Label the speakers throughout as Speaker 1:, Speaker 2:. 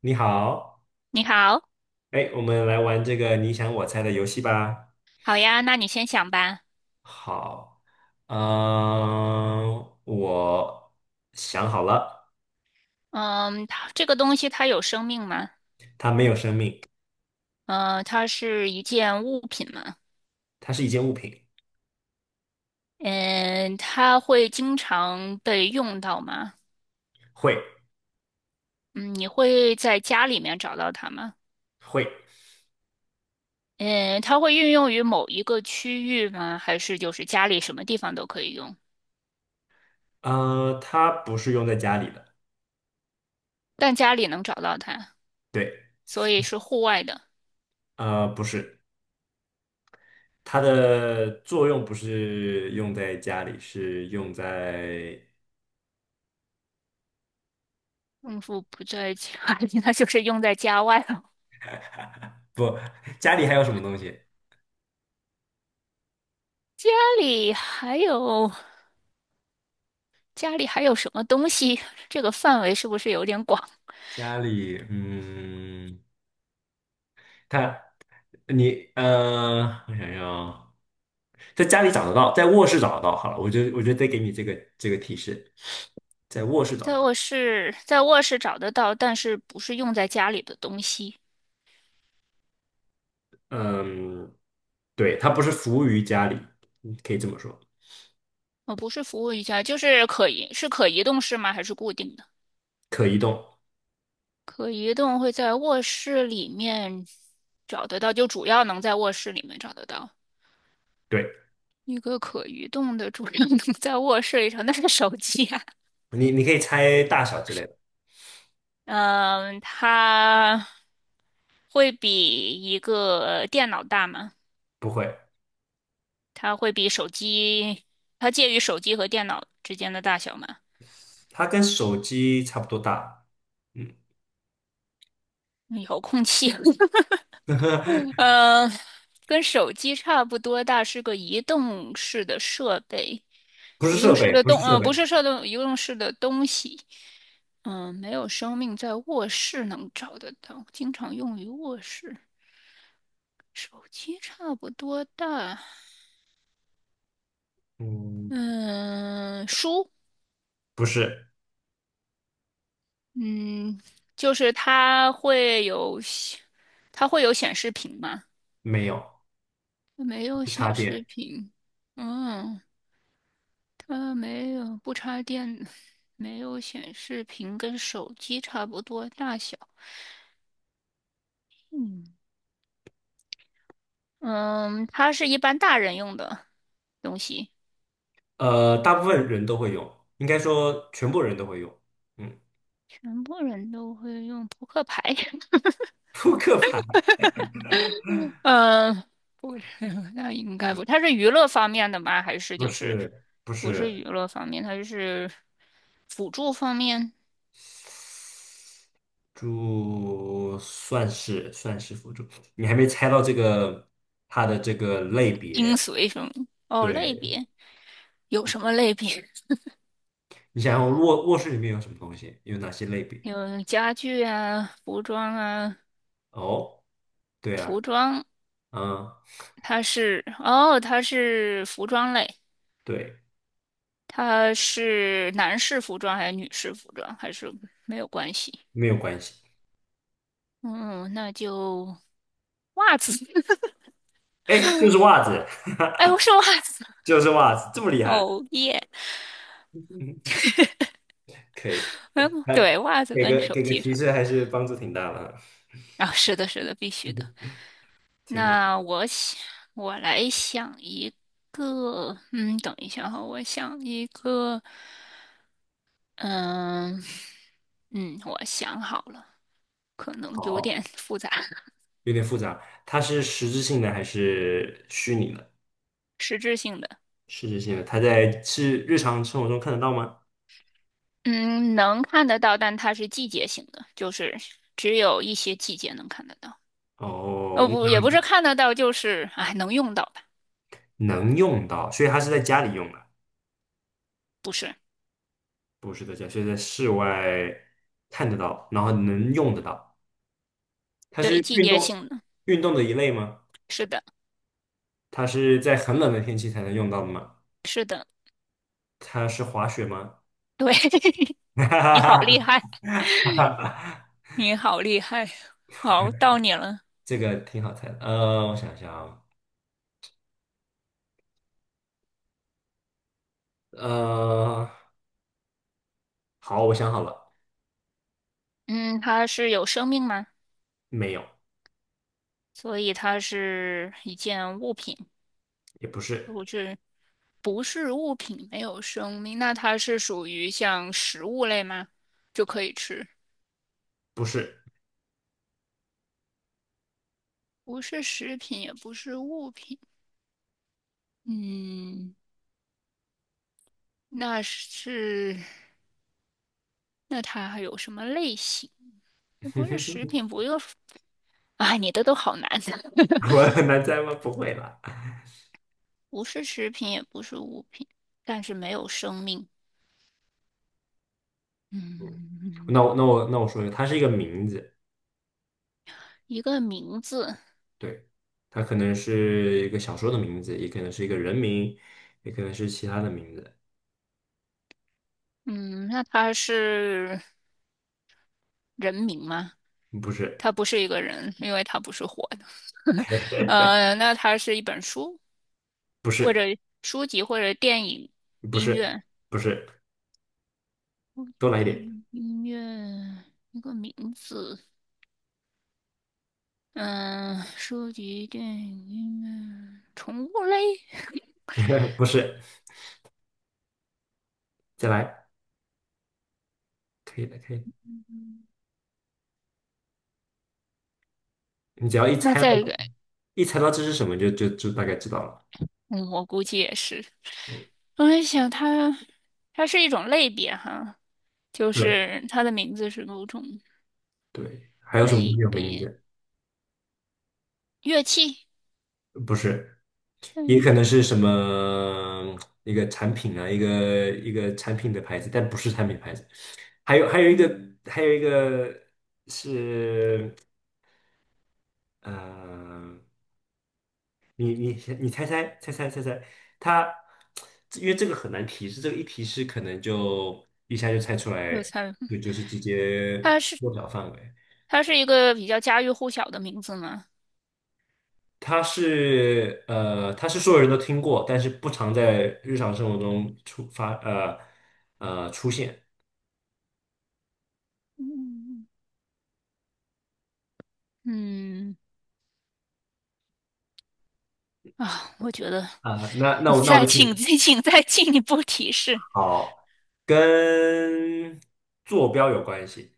Speaker 1: 你好，
Speaker 2: 你好，
Speaker 1: 哎，我们来玩这个你想我猜的游戏吧。
Speaker 2: 好呀，那你先想吧。
Speaker 1: 好，我想好了。
Speaker 2: 嗯，它这个东西它有生命吗？
Speaker 1: 它没有生命。
Speaker 2: 嗯，它是一件物品吗？
Speaker 1: 它是一件物品。
Speaker 2: 嗯，它会经常被用到吗？
Speaker 1: 会
Speaker 2: 嗯，你会在家里面找到它吗？
Speaker 1: 会，
Speaker 2: 嗯，它会运用于某一个区域吗？还是就是家里什么地方都可以用？
Speaker 1: 它不是用在家里的。
Speaker 2: 但家里能找到它，
Speaker 1: 对。
Speaker 2: 所以是户外的。
Speaker 1: 呃，不是，它的作用不是用在家里，是用在。
Speaker 2: 嗯，夫不在家里，那就是用在家外了。
Speaker 1: 不，家里还有什么东西？
Speaker 2: 家里还有。家里还有什么东西？这个范围是不是有点广？
Speaker 1: 家里，嗯。它。你我想要在家里找得到，在卧室找得到。好了，我就得给你这个提示，在卧室找得
Speaker 2: 在
Speaker 1: 到。
Speaker 2: 卧室，在卧室找得到，但是不是用在家里的东西？
Speaker 1: 嗯，对，它不是服务于家里，嗯可以这么说。
Speaker 2: 不是服务于家，就是可移，是可移动式吗？还是固定的？
Speaker 1: 可移动。
Speaker 2: 可移动会在卧室里面找得到，就主要能在卧室里面找得到。
Speaker 1: 对。
Speaker 2: 一个可移动的，主要能在卧室里找，那是手机啊。
Speaker 1: 你你可以猜大小之类的。
Speaker 2: 嗯，它会比一个电脑大吗？
Speaker 1: 不会。
Speaker 2: 它会比手机，它介于手机和电脑之间的大小嘛？
Speaker 1: 它跟手机差不多大。嗯。
Speaker 2: 嗯遥控器，嗯，跟手机差不多大，是个移动式的设备，
Speaker 1: 不是
Speaker 2: 移动
Speaker 1: 设
Speaker 2: 式
Speaker 1: 备，
Speaker 2: 的
Speaker 1: 不是
Speaker 2: 动，
Speaker 1: 设
Speaker 2: 不
Speaker 1: 备。
Speaker 2: 是设动，移动式的东西。嗯，没有生命，在卧室能找得到，经常用于卧室。手机差不多大，
Speaker 1: 嗯。
Speaker 2: 嗯，书，
Speaker 1: 不是。
Speaker 2: 嗯，就是它会有，它会有显示屏吗？
Speaker 1: 没有。
Speaker 2: 没有
Speaker 1: 不插
Speaker 2: 显示
Speaker 1: 电。
Speaker 2: 屏，嗯，它没有不插电，没有显示屏，跟手机差不多大小。嗯嗯，它是一般大人用的东西，
Speaker 1: 大部分人都会用，应该说全部人都会用。嗯。
Speaker 2: 全部人都会用扑克牌。
Speaker 1: 扑克牌。
Speaker 2: 嗯，不是，那应该不，它是娱乐方面的吗？还是
Speaker 1: 不
Speaker 2: 就是
Speaker 1: 是不
Speaker 2: 不是娱
Speaker 1: 是。
Speaker 2: 乐方面，它就是辅助方面，
Speaker 1: 猪算是算是辅助。你还没猜到这个它的这个类
Speaker 2: 精
Speaker 1: 别。
Speaker 2: 髓什么？哦，
Speaker 1: 对。
Speaker 2: 类别有什么类别？
Speaker 1: 你想想卧室里面有什么东西，有哪些类别？
Speaker 2: 有家具啊、服装啊，
Speaker 1: 哦，对啊。
Speaker 2: 服装
Speaker 1: 嗯，
Speaker 2: 它是哦，它是服装类，
Speaker 1: 对。
Speaker 2: 它是男士服装还是女士服装，还是没有关系？
Speaker 1: 没有关系。
Speaker 2: 嗯，那就袜子，
Speaker 1: 哎，就是袜子。
Speaker 2: 哎，我是袜子，
Speaker 1: 就是袜子，这么厉害。
Speaker 2: 哦耶，
Speaker 1: 嗯，可以。
Speaker 2: 嗯，对，
Speaker 1: 哎，
Speaker 2: 袜子
Speaker 1: 给
Speaker 2: 跟
Speaker 1: 个
Speaker 2: 手
Speaker 1: 给个
Speaker 2: 机
Speaker 1: 提
Speaker 2: 上
Speaker 1: 示还是帮助挺大的啊。
Speaker 2: 啊，是的，是的，必须的。
Speaker 1: 这个
Speaker 2: 那我想，我来想一个，嗯，等一下哈，我想一个，嗯嗯，我想好了。可能有
Speaker 1: 好。
Speaker 2: 点 复杂，
Speaker 1: 有点复杂。它是实质性的还是虚拟的？
Speaker 2: 实质性的，
Speaker 1: 实质性的。它在是日常生活中看得到吗？
Speaker 2: 嗯，能看得到，但它是季节性的，就是只有一些季节能看得到。
Speaker 1: 哦，
Speaker 2: 哦，不，
Speaker 1: 那
Speaker 2: 也不是看得到，就是哎，能用到吧？
Speaker 1: 能用到，所以它是在家里用的。
Speaker 2: 不是，
Speaker 1: 不是在家，是在室外看得到，然后能用得到。它
Speaker 2: 对，
Speaker 1: 是
Speaker 2: 季
Speaker 1: 运
Speaker 2: 节
Speaker 1: 动
Speaker 2: 性的，
Speaker 1: 运动的一类吗？
Speaker 2: 是的，
Speaker 1: 它是在很冷的天气才能用到的吗？
Speaker 2: 是的，
Speaker 1: 它是滑雪吗？
Speaker 2: 对，
Speaker 1: 哈
Speaker 2: 你好厉
Speaker 1: 哈
Speaker 2: 害，
Speaker 1: 哈哈哈！
Speaker 2: 你好厉害，好，到你了。
Speaker 1: 这个挺好猜的。我想想啊。呃，好，我想好了。
Speaker 2: 嗯，它是有生命吗？
Speaker 1: 没有。
Speaker 2: 所以它是一件物品。
Speaker 1: 也不是。
Speaker 2: 不是物品，没有生命，那它是属于像食物类吗？就可以吃，
Speaker 1: 不是。
Speaker 2: 不是食品，也不是物品。嗯，那是，那它还有什么类型？也不是食 品，不用，啊，你的都好难的，
Speaker 1: 我很难猜吗？不会啦。
Speaker 2: 不是食品，也不是物品，但是没有生命。嗯，
Speaker 1: 那我说一个，它是一个名字。
Speaker 2: 一个名字。
Speaker 1: 对。它可能是一个小说的名字，也可能是一个人名，也可能是其他的名字。
Speaker 2: 嗯，那它是。人名吗？
Speaker 1: 不是。
Speaker 2: 他不是一个人，因为他不是活的。那它是一本书，
Speaker 1: 不
Speaker 2: 或者
Speaker 1: 是。
Speaker 2: 书籍，或者电影、
Speaker 1: 不
Speaker 2: 音
Speaker 1: 是。
Speaker 2: 乐、
Speaker 1: 不是，多来一
Speaker 2: 电
Speaker 1: 点。
Speaker 2: 影、音乐一个名字。嗯，书籍、电影、音乐、宠物类。
Speaker 1: 不是，再来，可以的，可以。你只要一
Speaker 2: 那
Speaker 1: 猜到，
Speaker 2: 再一个，
Speaker 1: 一猜到这是什么，就大概知道了。
Speaker 2: 嗯，我估计也是。我在想它，它是一种类别哈，就
Speaker 1: 对
Speaker 2: 是它的名字是某种
Speaker 1: 对。还有什么东
Speaker 2: 类
Speaker 1: 西有名
Speaker 2: 别
Speaker 1: 字？
Speaker 2: 乐器。
Speaker 1: 不是。也
Speaker 2: 嗯，
Speaker 1: 可能是什么一个产品啊，一个产品的牌子，但不是产品牌子。还有还有一个是呃，你你你猜，它因为这个很难提示，这个一提示可能就一下就猜出来，
Speaker 2: 有猜，
Speaker 1: 就是直接
Speaker 2: 它
Speaker 1: 缩小范围。
Speaker 2: 它是一个比较家喻户晓的名字嘛。
Speaker 1: 它是它是所有人都听过，但是不常在日常生活中出现。
Speaker 2: 嗯嗯啊，我觉得
Speaker 1: 啊、那那
Speaker 2: 你
Speaker 1: 我那我
Speaker 2: 再
Speaker 1: 就听
Speaker 2: 请 再请再进一步提示，
Speaker 1: 好。跟坐标有关系。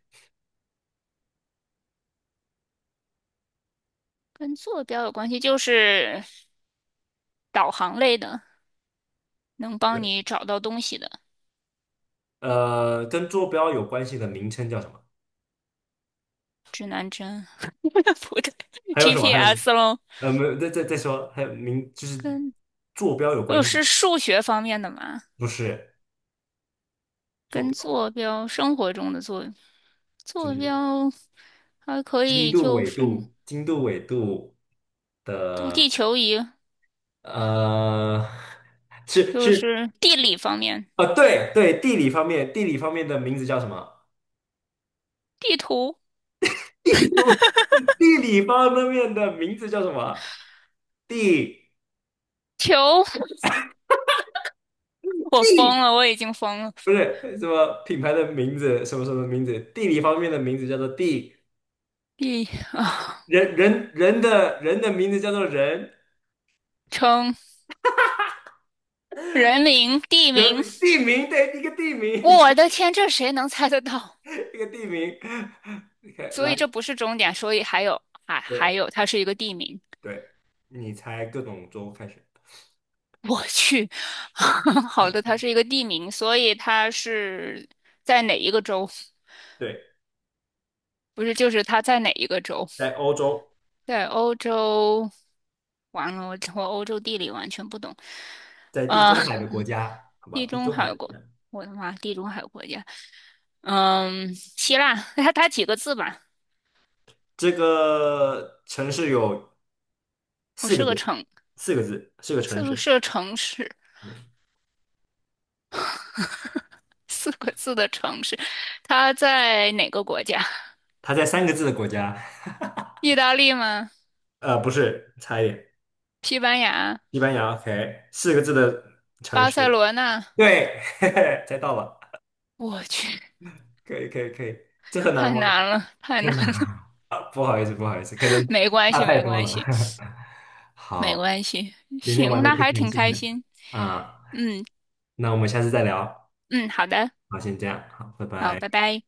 Speaker 2: 跟坐标有关系，就是导航类的，能帮
Speaker 1: 对。
Speaker 2: 你找到东西的
Speaker 1: 呃，跟坐标有关系的名称叫什么？
Speaker 2: 指南针，不对
Speaker 1: 还有什么？还有
Speaker 2: ，GPS 喽。
Speaker 1: 呃，没有，再说，还有名就是
Speaker 2: 跟
Speaker 1: 坐标有关系的。
Speaker 2: 是数学方面的嘛，
Speaker 1: 不是坐
Speaker 2: 跟
Speaker 1: 标，
Speaker 2: 坐标生活中的坐
Speaker 1: 就
Speaker 2: 坐
Speaker 1: 是
Speaker 2: 标还可
Speaker 1: 经
Speaker 2: 以
Speaker 1: 度、
Speaker 2: 就
Speaker 1: 纬
Speaker 2: 是
Speaker 1: 度、经度、纬度。
Speaker 2: 就地球仪，
Speaker 1: 呃，是
Speaker 2: 就
Speaker 1: 是
Speaker 2: 是地理方面。
Speaker 1: 啊，对对，地理方面。地理方面的名字叫什么？
Speaker 2: 地图
Speaker 1: 地图。地理方面的名字叫什么？地。
Speaker 2: 球，我疯
Speaker 1: 地
Speaker 2: 了，我已经疯了。
Speaker 1: 不是什么品牌的名字，什么什么名字？地理方面的名字叫做地，
Speaker 2: 地啊，
Speaker 1: 人的名字叫做人。
Speaker 2: 称人名、地
Speaker 1: 人
Speaker 2: 名，
Speaker 1: 名地名，对，一个地名。
Speaker 2: 我的天，这谁能猜得到？
Speaker 1: 一个地名。OK，
Speaker 2: 所
Speaker 1: 来。
Speaker 2: 以这不是终点，所以还有还还
Speaker 1: 对
Speaker 2: 有，它是一个地名。
Speaker 1: 对，你猜各种州开始。
Speaker 2: 我去，好的，它是一个地名，所以它是在哪一个州？
Speaker 1: 对，
Speaker 2: 不是，就是它在哪一个州？
Speaker 1: 在欧洲，
Speaker 2: 在欧洲。完了，我欧洲地理完全不懂。
Speaker 1: 在地
Speaker 2: 啊，
Speaker 1: 中海的国 家，好
Speaker 2: 地
Speaker 1: 吧，地
Speaker 2: 中
Speaker 1: 中海
Speaker 2: 海
Speaker 1: 的国
Speaker 2: 国，
Speaker 1: 家。
Speaker 2: 我的妈，地中海国家。嗯，希腊，它它几个字吧？
Speaker 1: 这个城市有
Speaker 2: 我
Speaker 1: 四个
Speaker 2: 是个
Speaker 1: 字。
Speaker 2: 城，
Speaker 1: 四个字，四个城
Speaker 2: 四个
Speaker 1: 市。
Speaker 2: 是个城市，
Speaker 1: 嗯。
Speaker 2: 四个字的城市。它在哪个国家？
Speaker 1: 它在三个字的国家。
Speaker 2: 意大利吗？
Speaker 1: 呃，不是，差一点。
Speaker 2: 西班牙？
Speaker 1: 西班牙，OK，四个字的城
Speaker 2: 巴
Speaker 1: 市。
Speaker 2: 塞罗那？
Speaker 1: 对，嘿嘿，猜到了，
Speaker 2: 我去，
Speaker 1: 可以，可以，可以。这很难
Speaker 2: 太
Speaker 1: 吗？
Speaker 2: 难了，太
Speaker 1: 太
Speaker 2: 难
Speaker 1: 难了。
Speaker 2: 了。
Speaker 1: 啊不好意思，不好意思，可能
Speaker 2: 没关
Speaker 1: 差
Speaker 2: 系，
Speaker 1: 太
Speaker 2: 没
Speaker 1: 多
Speaker 2: 关
Speaker 1: 了。
Speaker 2: 系，没
Speaker 1: 好，
Speaker 2: 关系。
Speaker 1: 今天玩
Speaker 2: 行，
Speaker 1: 的
Speaker 2: 那
Speaker 1: 挺
Speaker 2: 还
Speaker 1: 开
Speaker 2: 挺
Speaker 1: 心
Speaker 2: 开
Speaker 1: 的
Speaker 2: 心。
Speaker 1: 啊。那我们下次再聊。
Speaker 2: 嗯，好的，
Speaker 1: 好，先这样，好，拜
Speaker 2: 好，拜
Speaker 1: 拜。
Speaker 2: 拜。